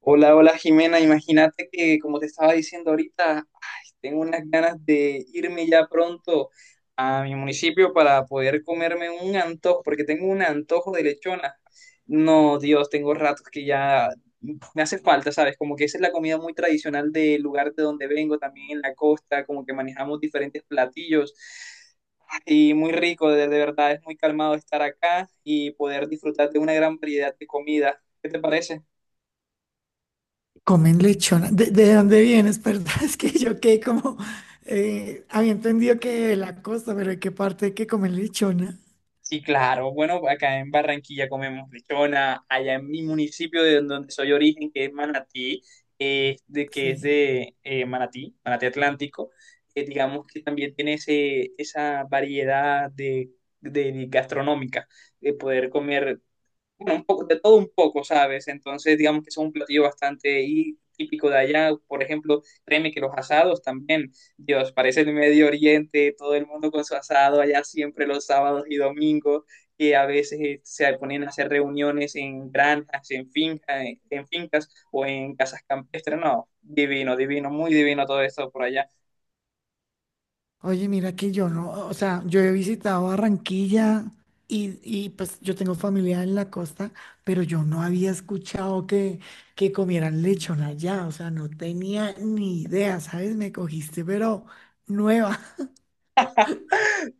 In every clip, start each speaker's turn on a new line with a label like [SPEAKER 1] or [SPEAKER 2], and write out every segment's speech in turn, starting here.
[SPEAKER 1] Hola, hola Jimena, imagínate que como te estaba diciendo ahorita, ay, tengo unas ganas de irme ya pronto a mi municipio para poder comerme un antojo, porque tengo un antojo de lechona. No, Dios, tengo ratos que ya me hace falta, ¿sabes? Como que esa es la comida muy tradicional del lugar de donde vengo, también en la costa, como que manejamos diferentes platillos. Y muy rico, de verdad, es muy calmado estar acá y poder disfrutar de una gran variedad de comida. ¿Qué te parece?
[SPEAKER 2] Comen lechona. ¿De dónde vienes? Perdón, es que yo quedé como... había entendido que de la costa, pero ¿de qué parte que comen lechona?
[SPEAKER 1] Sí, claro. Bueno, acá en Barranquilla comemos lechona, allá en mi municipio de donde soy origen, que es Manatí, de, que es
[SPEAKER 2] Sí.
[SPEAKER 1] de Manatí, Manatí Atlántico. Digamos que también tiene ese, esa variedad de, de gastronómica, de poder comer, bueno, un poco, de todo un poco, ¿sabes? Entonces, digamos que es un platillo bastante típico de allá. Por ejemplo, créeme que los asados también, Dios, parece el Medio Oriente, todo el mundo con su asado allá siempre los sábados y domingos, que a veces se ponen a hacer reuniones en granjas, en fincas o en casas campestres. No, divino, divino, muy divino todo esto por allá.
[SPEAKER 2] Oye, mira que yo no... O sea, yo he visitado Barranquilla y pues yo tengo familia en la costa, pero yo no había escuchado que comieran lechona allá. O sea, no tenía ni idea, ¿sabes? Me cogiste, pero nueva.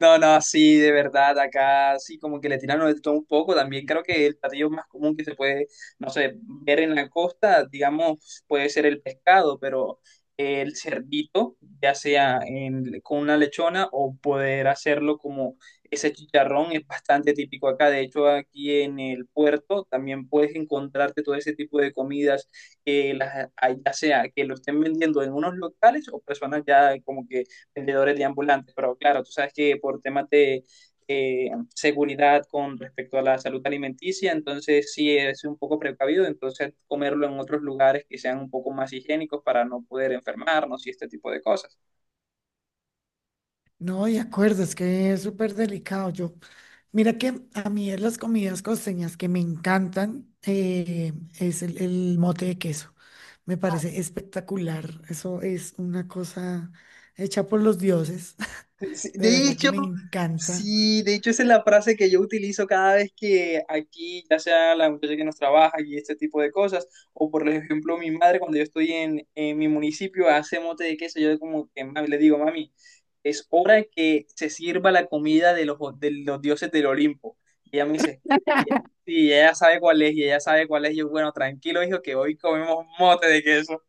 [SPEAKER 1] No, no, sí, de verdad, acá sí, como que le tiraron de todo un poco. También creo que el platillo más común que se puede, no sé, ver en la costa, digamos, puede ser el pescado, pero el cerdito, ya sea con una lechona o poder hacerlo como ese chicharrón, es bastante típico acá. De hecho, aquí en el puerto también puedes encontrarte todo ese tipo de comidas, que las, ya sea que lo estén vendiendo en unos locales o personas ya como que vendedores de ambulantes, pero claro, tú sabes que por temas de eh, seguridad con respecto a la salud alimenticia, entonces sí es un poco precavido, entonces comerlo en otros lugares que sean un poco más higiénicos para no poder enfermarnos y este tipo de cosas.
[SPEAKER 2] No, de acuerdo, es que es súper delicado. Yo, mira que a mí de las comidas costeñas que me encantan es el mote de queso. Me parece espectacular. Eso es una cosa hecha por los dioses.
[SPEAKER 1] Sí,
[SPEAKER 2] De
[SPEAKER 1] de
[SPEAKER 2] verdad que
[SPEAKER 1] hecho,
[SPEAKER 2] me encanta.
[SPEAKER 1] sí, de hecho esa es la frase que yo utilizo cada vez que aquí, ya sea la muchacha que nos trabaja y este tipo de cosas, o por ejemplo mi madre cuando yo estoy en mi municipio hace mote de queso, yo como que le digo, mami, es hora de que se sirva la comida de los dioses del Olimpo. Y ella me dice, y sí, y ella sabe cuál es, y ella sabe cuál es, y yo, bueno, tranquilo, hijo, que hoy comemos mote de queso.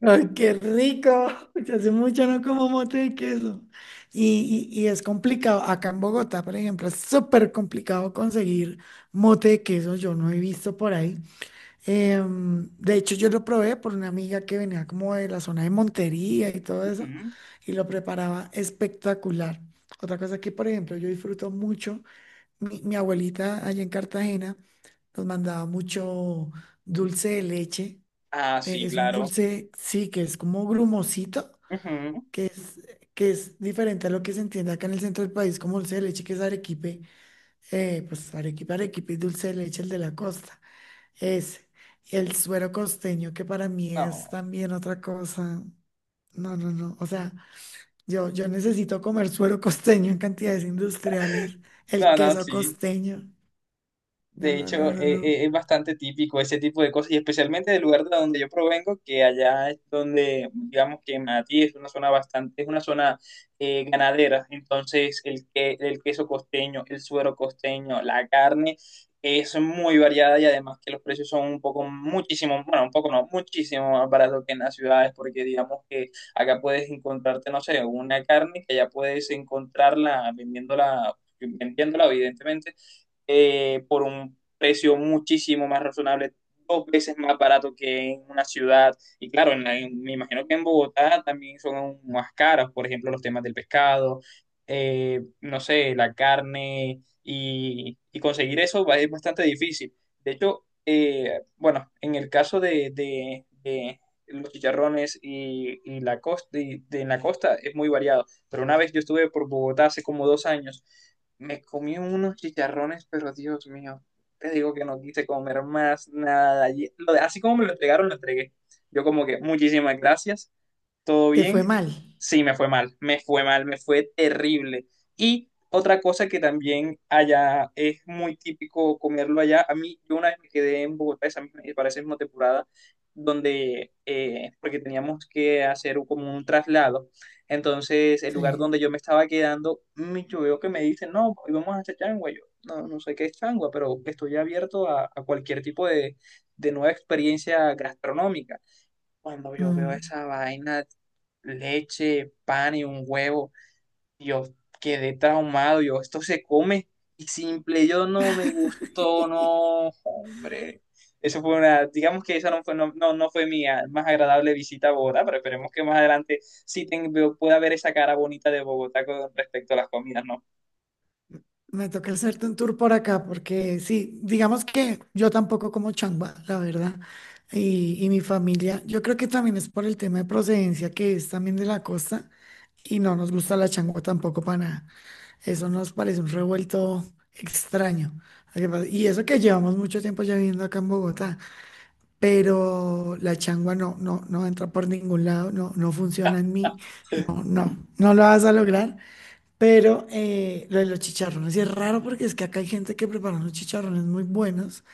[SPEAKER 2] ¡Ay, qué rico! Ya hace mucho no como mote de queso. Y es complicado. Acá en Bogotá, por ejemplo, es súper complicado conseguir mote de queso. Yo no he visto por ahí. De hecho, yo lo probé por una amiga que venía como de la zona de Montería y todo eso,
[SPEAKER 1] Ujú.
[SPEAKER 2] y lo preparaba espectacular. Otra cosa que, por ejemplo, yo disfruto mucho, mi abuelita allá en Cartagena nos mandaba mucho dulce de leche.
[SPEAKER 1] Ah, sí,
[SPEAKER 2] Es un
[SPEAKER 1] claro.
[SPEAKER 2] dulce, sí, que es como grumosito,
[SPEAKER 1] Ujú.
[SPEAKER 2] que es, que es diferente a lo que se entiende acá en el centro del país como dulce de leche, que es arequipe, pues arequipe, arequipe y dulce de leche, el de la costa. Es el suero costeño, que para mí es
[SPEAKER 1] No,
[SPEAKER 2] también otra cosa. No, no, no. O sea, yo necesito comer suero costeño en cantidades industriales. El
[SPEAKER 1] no, no,
[SPEAKER 2] queso
[SPEAKER 1] sí.
[SPEAKER 2] costeño. No,
[SPEAKER 1] De
[SPEAKER 2] no, no,
[SPEAKER 1] hecho,
[SPEAKER 2] no, no.
[SPEAKER 1] es bastante típico ese tipo de cosas, y especialmente del lugar de donde yo provengo, que allá es donde, digamos que Manatí es una zona bastante, es una zona ganadera. Entonces, el queso costeño, el suero costeño, la carne es muy variada y además que los precios son un poco, muchísimo, bueno, un poco no, muchísimo más barato que en las ciudades, porque digamos que acá puedes encontrarte, no sé, una carne que allá puedes encontrarla vendiéndola, vendiéndola, evidentemente por un precio muchísimo más razonable, dos veces más barato que en una ciudad. Y claro, me imagino que en Bogotá también son aún más caros, por ejemplo, los temas del pescado, no sé, la carne, y conseguir eso es bastante difícil. De hecho, bueno, en el caso de los chicharrones y la costa, y de, en la costa es muy variado, pero una vez yo estuve por Bogotá hace como dos años, me comí unos chicharrones, pero Dios mío, te digo que no quise comer más nada. Y así como me lo entregaron, lo entregué. Yo como que, muchísimas gracias, ¿todo
[SPEAKER 2] Te
[SPEAKER 1] bien?
[SPEAKER 2] fue mal.
[SPEAKER 1] Sí, me fue mal, me fue mal, me fue terrible. Y otra cosa que también allá es muy típico comerlo allá. A mí, yo una vez me quedé en Bogotá para esa misma temporada, donde, porque teníamos que hacer como un traslado. Entonces, el lugar
[SPEAKER 2] Sí.
[SPEAKER 1] donde yo me estaba quedando, yo veo que me dicen, no, hoy vamos a hacer changua. Yo, no, no sé qué es changua, pero estoy abierto a cualquier tipo de nueva experiencia gastronómica. Cuando yo veo
[SPEAKER 2] Mm.
[SPEAKER 1] esa vaina, leche, pan y un huevo, yo quedé traumado, yo, esto se come y simple, yo no me gustó, no, hombre. Eso fue una, digamos que esa no fue, no, no, no fue mi más agradable visita a Bogotá, pero esperemos que más adelante pueda ver esa cara bonita de Bogotá con respecto a las comidas, ¿no?
[SPEAKER 2] Me toca hacerte un tour por acá, porque sí, digamos que yo tampoco como changua, la verdad, y mi familia, yo creo que también es por el tema de procedencia, que es también de la costa, y no nos gusta la changua tampoco para nada. Eso nos parece un revuelto extraño. Lo que pasa- Y eso que llevamos mucho tiempo ya viviendo acá en Bogotá, pero la changua no, no, no entra por ningún lado, no, no funciona en mí, no, no, no lo vas a lograr. Pero lo de los chicharrones y es raro porque es que acá hay gente que prepara unos chicharrones muy buenos.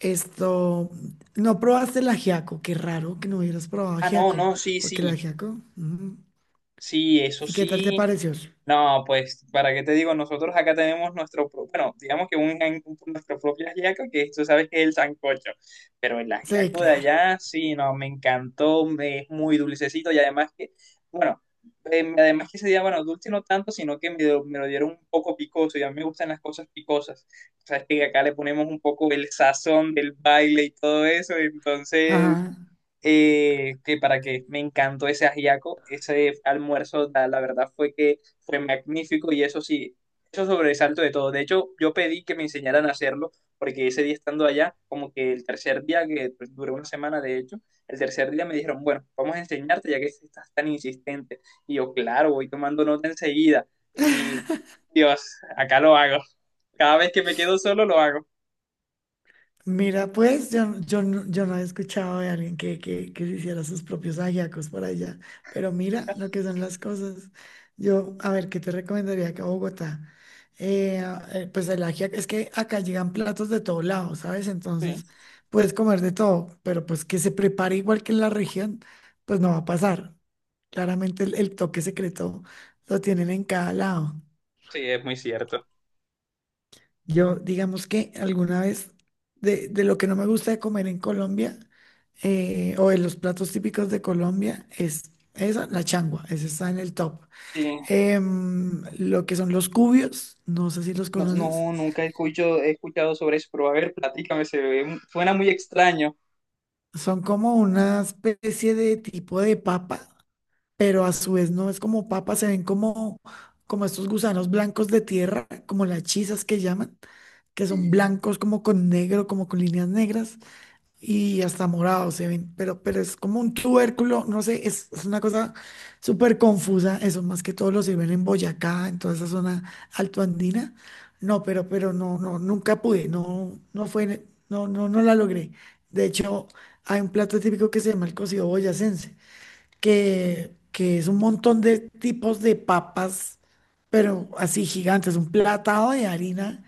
[SPEAKER 2] Esto, no probaste el ajiaco, qué raro que no hubieras probado
[SPEAKER 1] Ah, no,
[SPEAKER 2] ajiaco,
[SPEAKER 1] no, sí,
[SPEAKER 2] porque el
[SPEAKER 1] sí,
[SPEAKER 2] ajiaco,
[SPEAKER 1] sí, eso
[SPEAKER 2] ¿y qué tal te
[SPEAKER 1] sí.
[SPEAKER 2] pareció?
[SPEAKER 1] No, pues, ¿para qué te digo? Nosotros acá tenemos nuestro, bueno, digamos que un, nuestro propio ajiaco, que tú sabes que es el sancocho, pero el
[SPEAKER 2] Sí,
[SPEAKER 1] ajiaco de
[SPEAKER 2] claro.
[SPEAKER 1] allá, sí, no, me encantó, es muy dulcecito y además que, bueno, además que ese día, bueno, dulce no tanto, sino que me lo dieron un poco picoso y a mí me gustan las cosas picosas. Sabes que acá le ponemos un poco el sazón del baile y todo eso, entonces
[SPEAKER 2] Ajá.
[SPEAKER 1] que para que me encantó ese ajiaco, ese almuerzo, la verdad fue que fue magnífico y eso sí, eso sobresalto de todo. De hecho, yo pedí que me enseñaran a hacerlo porque ese día estando allá, como que el tercer día, que pues, duró una semana de hecho, el tercer día me dijeron, bueno, vamos a enseñarte ya que estás tan insistente. Y yo, claro, voy tomando nota enseguida y Dios, acá lo hago. Cada vez que me quedo solo lo hago.
[SPEAKER 2] Mira, yo no he escuchado de alguien que se hiciera sus propios ajiacos por allá, pero mira lo que son las cosas. Yo, a ver, ¿qué te recomendaría acá a Bogotá? Eh, pues el ajiaco, es que acá llegan platos de todo lado, ¿sabes?
[SPEAKER 1] Sí,
[SPEAKER 2] Entonces puedes comer de todo, pero pues que se prepare igual que en la región, pues no va a pasar. Claramente el toque secreto lo tienen en cada lado.
[SPEAKER 1] sí, es muy cierto.
[SPEAKER 2] Yo, digamos que alguna vez, de lo que no me gusta de comer en Colombia, o de los platos típicos de Colombia, es esa, la changua, esa está en el top.
[SPEAKER 1] Sí.
[SPEAKER 2] Lo que son los cubios, no sé si los
[SPEAKER 1] No,
[SPEAKER 2] conoces,
[SPEAKER 1] no, nunca he escuchado, he escuchado sobre eso, pero a ver, platícame, suena muy extraño.
[SPEAKER 2] son como una especie de tipo de papa, pero a su vez no es como papa, se ven como, como estos gusanos blancos de tierra, como las chisas que llaman, que son blancos como con negro, como con líneas negras y hasta morado se ven, pero es como un tubérculo, no sé, es una cosa súper confusa, eso más que todo lo sirven en Boyacá, en toda esa zona altoandina. No, no, no, nunca pude, no, no fue, no, no, no la logré. De hecho, hay un plato típico que se llama el cocido boyacense que es un montón de tipos de papas, pero así gigantes, un platado de harina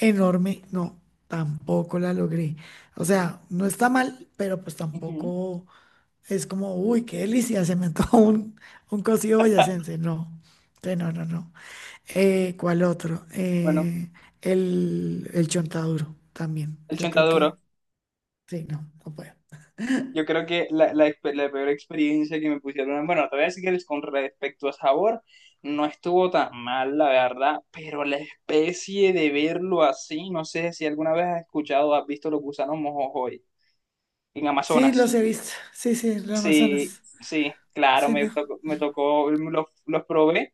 [SPEAKER 2] enorme. No, tampoco la logré. O sea, no está mal, pero pues
[SPEAKER 1] Ujú.
[SPEAKER 2] tampoco es como, uy, qué delicia, se me antojó un cocido boyacense. No, que no, no, no. ¿Cuál otro?
[SPEAKER 1] Bueno,
[SPEAKER 2] El chontaduro también.
[SPEAKER 1] el
[SPEAKER 2] Yo creo que,
[SPEAKER 1] chontaduro.
[SPEAKER 2] sí, no, no puedo.
[SPEAKER 1] Yo creo que la, la peor experiencia que me pusieron, bueno, te voy a decir que con respecto a sabor, no estuvo tan mal, la verdad, pero la especie de verlo así, no sé si alguna vez has escuchado, has visto los gusanos mojojoy en
[SPEAKER 2] Sí,
[SPEAKER 1] Amazonas.
[SPEAKER 2] los he visto. Sí, sí, el
[SPEAKER 1] Sí,
[SPEAKER 2] Amazonas.
[SPEAKER 1] sí, claro,
[SPEAKER 2] Sí, no.
[SPEAKER 1] me tocó, los probé,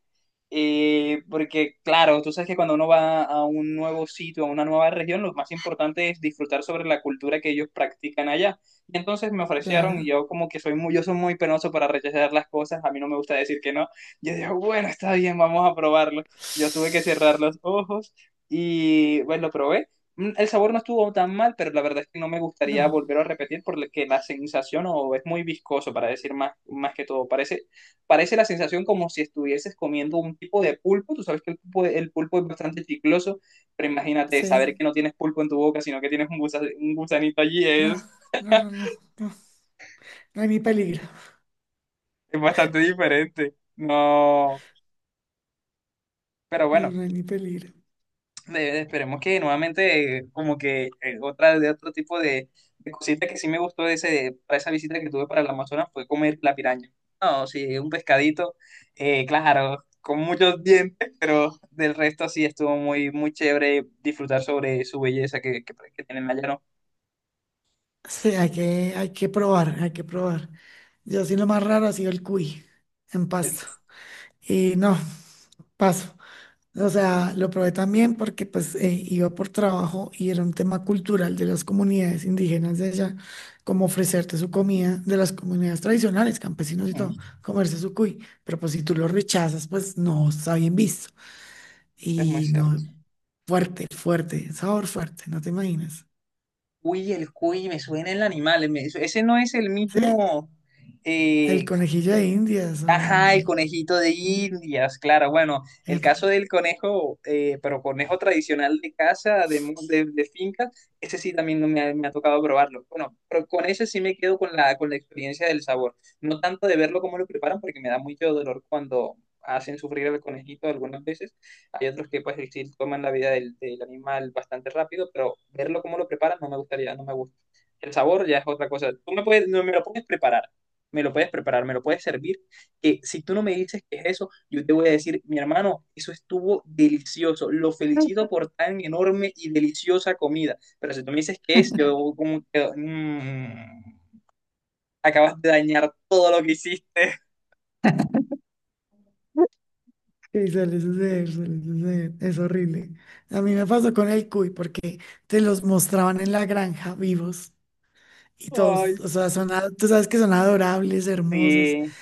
[SPEAKER 1] porque claro, tú sabes que cuando uno va a un nuevo sitio, a una nueva región, lo más importante es disfrutar sobre la cultura que ellos practican allá. Y entonces me ofrecieron y
[SPEAKER 2] Claro.
[SPEAKER 1] yo como que soy muy, yo soy muy penoso para rechazar las cosas, a mí no me gusta decir que no. Yo digo, bueno, está bien, vamos a probarlo. Yo tuve que cerrar los ojos y pues lo probé. El sabor no estuvo tan mal, pero la verdad es que no me gustaría
[SPEAKER 2] No,
[SPEAKER 1] volver a repetir porque la sensación o es muy viscoso, para decir más, más que todo. Parece, parece la sensación como si estuvieses comiendo un tipo de pulpo. Tú sabes que el pulpo es bastante chicloso, pero imagínate saber
[SPEAKER 2] sí,
[SPEAKER 1] que no tienes pulpo en tu boca, sino que tienes un, un gusanito allí,
[SPEAKER 2] no, no, no, no, no, no hay ni peligro,
[SPEAKER 1] es bastante diferente. No, pero
[SPEAKER 2] no,
[SPEAKER 1] bueno.
[SPEAKER 2] no hay ni peligro.
[SPEAKER 1] Esperemos que nuevamente, como que otra de otro tipo de cosita que sí me gustó de ese, para esa visita que tuve para el Amazonas fue comer la piraña. No, sí, un pescadito, claro, con muchos dientes, pero del resto sí estuvo muy, muy chévere disfrutar sobre su belleza que tienen allá, ¿no?
[SPEAKER 2] Sí, hay que probar, hay que probar. Yo sí lo más raro ha sido el cuy en
[SPEAKER 1] El-
[SPEAKER 2] Pasto. Y no, paso. O sea, lo probé también porque pues iba por trabajo y era un tema cultural de las comunidades indígenas de allá, como ofrecerte su comida de las comunidades tradicionales, campesinos y todo,
[SPEAKER 1] Ujú,
[SPEAKER 2] comerse su cuy. Pero pues si tú lo rechazas, pues no está bien visto.
[SPEAKER 1] es muy
[SPEAKER 2] Y
[SPEAKER 1] cierto.
[SPEAKER 2] no, fuerte, fuerte, sabor fuerte, no te imaginas.
[SPEAKER 1] Uy, el cuy, me suena el animal, ese no es el
[SPEAKER 2] ¿Sí?
[SPEAKER 1] mismo.
[SPEAKER 2] ¿El conejillo de Indias o...
[SPEAKER 1] Ajá, el
[SPEAKER 2] el-
[SPEAKER 1] conejito de
[SPEAKER 2] mm,
[SPEAKER 1] Indias, claro. Bueno, el
[SPEAKER 2] Epa,
[SPEAKER 1] caso del conejo, pero conejo tradicional de casa, de finca, ese sí también no me ha, me ha tocado probarlo. Bueno, pero con ese sí me quedo con la experiencia del sabor. No tanto de verlo cómo lo preparan, porque me da mucho dolor cuando hacen sufrir al conejito algunas veces. Hay otros que pues sí toman la vida del, del animal bastante rápido, pero verlo cómo lo preparan no me gustaría, no me gusta. El sabor ya es otra cosa. Tú me puedes, no me lo puedes preparar, me lo puedes preparar, me lo puedes servir, que si tú no me dices qué es eso, yo te voy a decir, mi hermano, eso estuvo delicioso, lo felicito por tan enorme y deliciosa comida, pero si tú me dices qué es, yo como que... acabas de dañar todo lo que hiciste.
[SPEAKER 2] sí, suele suceder, es horrible. A mí me pasó con el cuy porque te los mostraban en la granja vivos y
[SPEAKER 1] Ay,
[SPEAKER 2] todos, o sea, son, a- tú sabes que son adorables, hermosos.
[SPEAKER 1] sí.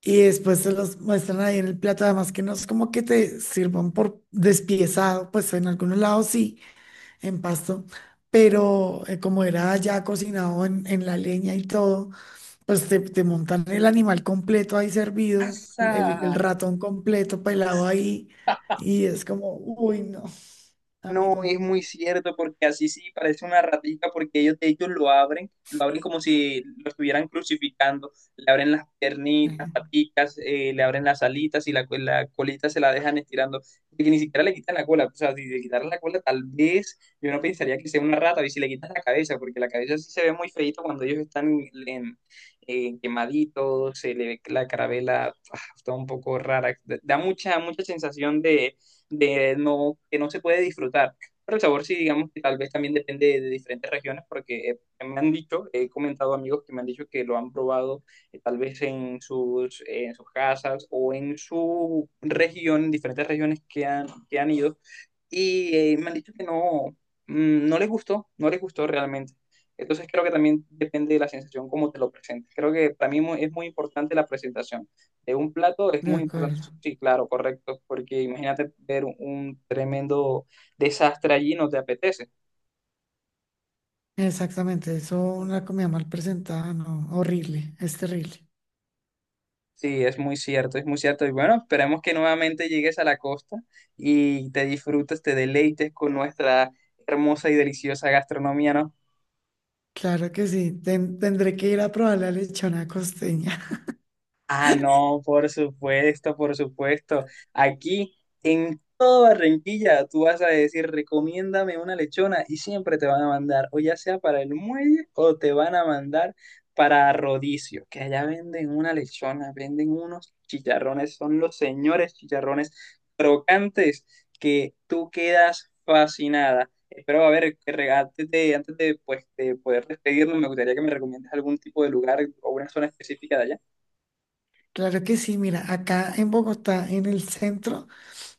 [SPEAKER 2] Y después te los muestran ahí en el plato, además que no es como que te sirvan por despiezado, pues en algunos lados sí en pasto, pero como era ya cocinado en la leña y todo, pues te montan el animal completo ahí servido, el
[SPEAKER 1] Pasa.
[SPEAKER 2] ratón completo pelado ahí, y es como, uy, no,
[SPEAKER 1] No,
[SPEAKER 2] amigo,
[SPEAKER 1] es muy cierto, porque así sí parece una ratita, porque ellos de hecho lo abren como si lo estuvieran crucificando, le abren las piernitas,
[SPEAKER 2] eh,
[SPEAKER 1] las paticas, le abren las alitas y la colita se la dejan estirando, porque ni siquiera le quitan la cola, o sea, si le quitaran la cola tal vez yo no pensaría que sea una rata, y si le quitan la cabeza, porque la cabeza sí se ve muy feíto cuando ellos están en, en- quemaditos, se le ve la carabela, ah, está un poco rara, da mucha, mucha sensación de no, que no se puede disfrutar. Pero el sabor sí, digamos que tal vez también depende de diferentes regiones, porque me han dicho, he comentado amigos que me han dicho que lo han probado tal vez en sus casas o en su región, en diferentes regiones que han ido, y me han dicho que no, no les gustó, no les gustó realmente. Entonces creo que también depende de la sensación, cómo te lo presentes. Creo que para mí es muy importante la presentación de un plato, es
[SPEAKER 2] de
[SPEAKER 1] muy importante,
[SPEAKER 2] acuerdo.
[SPEAKER 1] sí, claro, correcto, porque imagínate ver un tremendo desastre allí, no te apetece.
[SPEAKER 2] Exactamente, eso una comida mal presentada, no, horrible, es terrible.
[SPEAKER 1] Sí, es muy cierto, es muy cierto. Y bueno, esperemos que nuevamente llegues a la costa y te disfrutes, te deleites con nuestra hermosa y deliciosa gastronomía, ¿no?
[SPEAKER 2] Claro que sí, tendré que ir a probar la lechona costeña.
[SPEAKER 1] Ah, no, por supuesto, por supuesto. Aquí en toda Barranquilla tú vas a decir, recomiéndame una lechona y siempre te van a mandar, o ya sea para el muelle o te van a mandar para Rodicio, que allá venden una lechona, venden unos chicharrones, son los señores chicharrones crocantes que tú quedas fascinada. Espero, a ver, que antes de, pues, de poder despedirnos, me gustaría que me recomiendes algún tipo de lugar o una zona específica de allá.
[SPEAKER 2] Claro que sí, mira, acá en Bogotá, en el centro,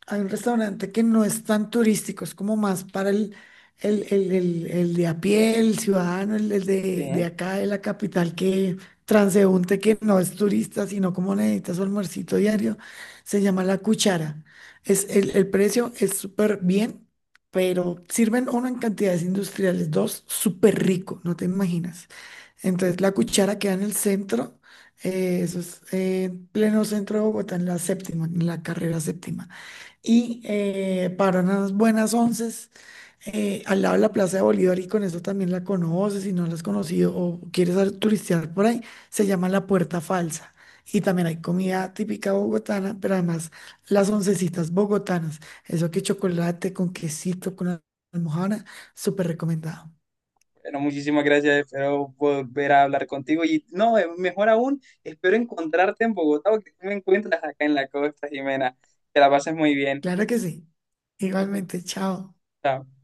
[SPEAKER 2] hay un restaurante que no es tan turístico, es como más para el, el de a pie, el ciudadano, el de acá, de la capital, que transeúnte que no es turista, sino como necesita su almuercito diario. Se llama La Cuchara. Es, el precio es súper bien, pero sirven uno en cantidades industriales, dos, súper rico, no te imaginas. Entonces, La Cuchara queda en el centro. Eso es en pleno centro de Bogotá, en la séptima, en la carrera séptima y para unas buenas onces al lado de la Plaza de Bolívar y con eso también la conoces, si no la has conocido o quieres turistear por ahí, se llama La Puerta Falsa. Y también hay comida típica bogotana, pero además las oncecitas bogotanas, eso que chocolate con quesito, con almohada, súper recomendado.
[SPEAKER 1] Bueno, muchísimas gracias, espero volver a hablar contigo y no, mejor aún, espero encontrarte en Bogotá o que tú me encuentres acá en la costa, Jimena. Que la pases muy bien.
[SPEAKER 2] Claro que sí. Igualmente, chao.
[SPEAKER 1] Chao.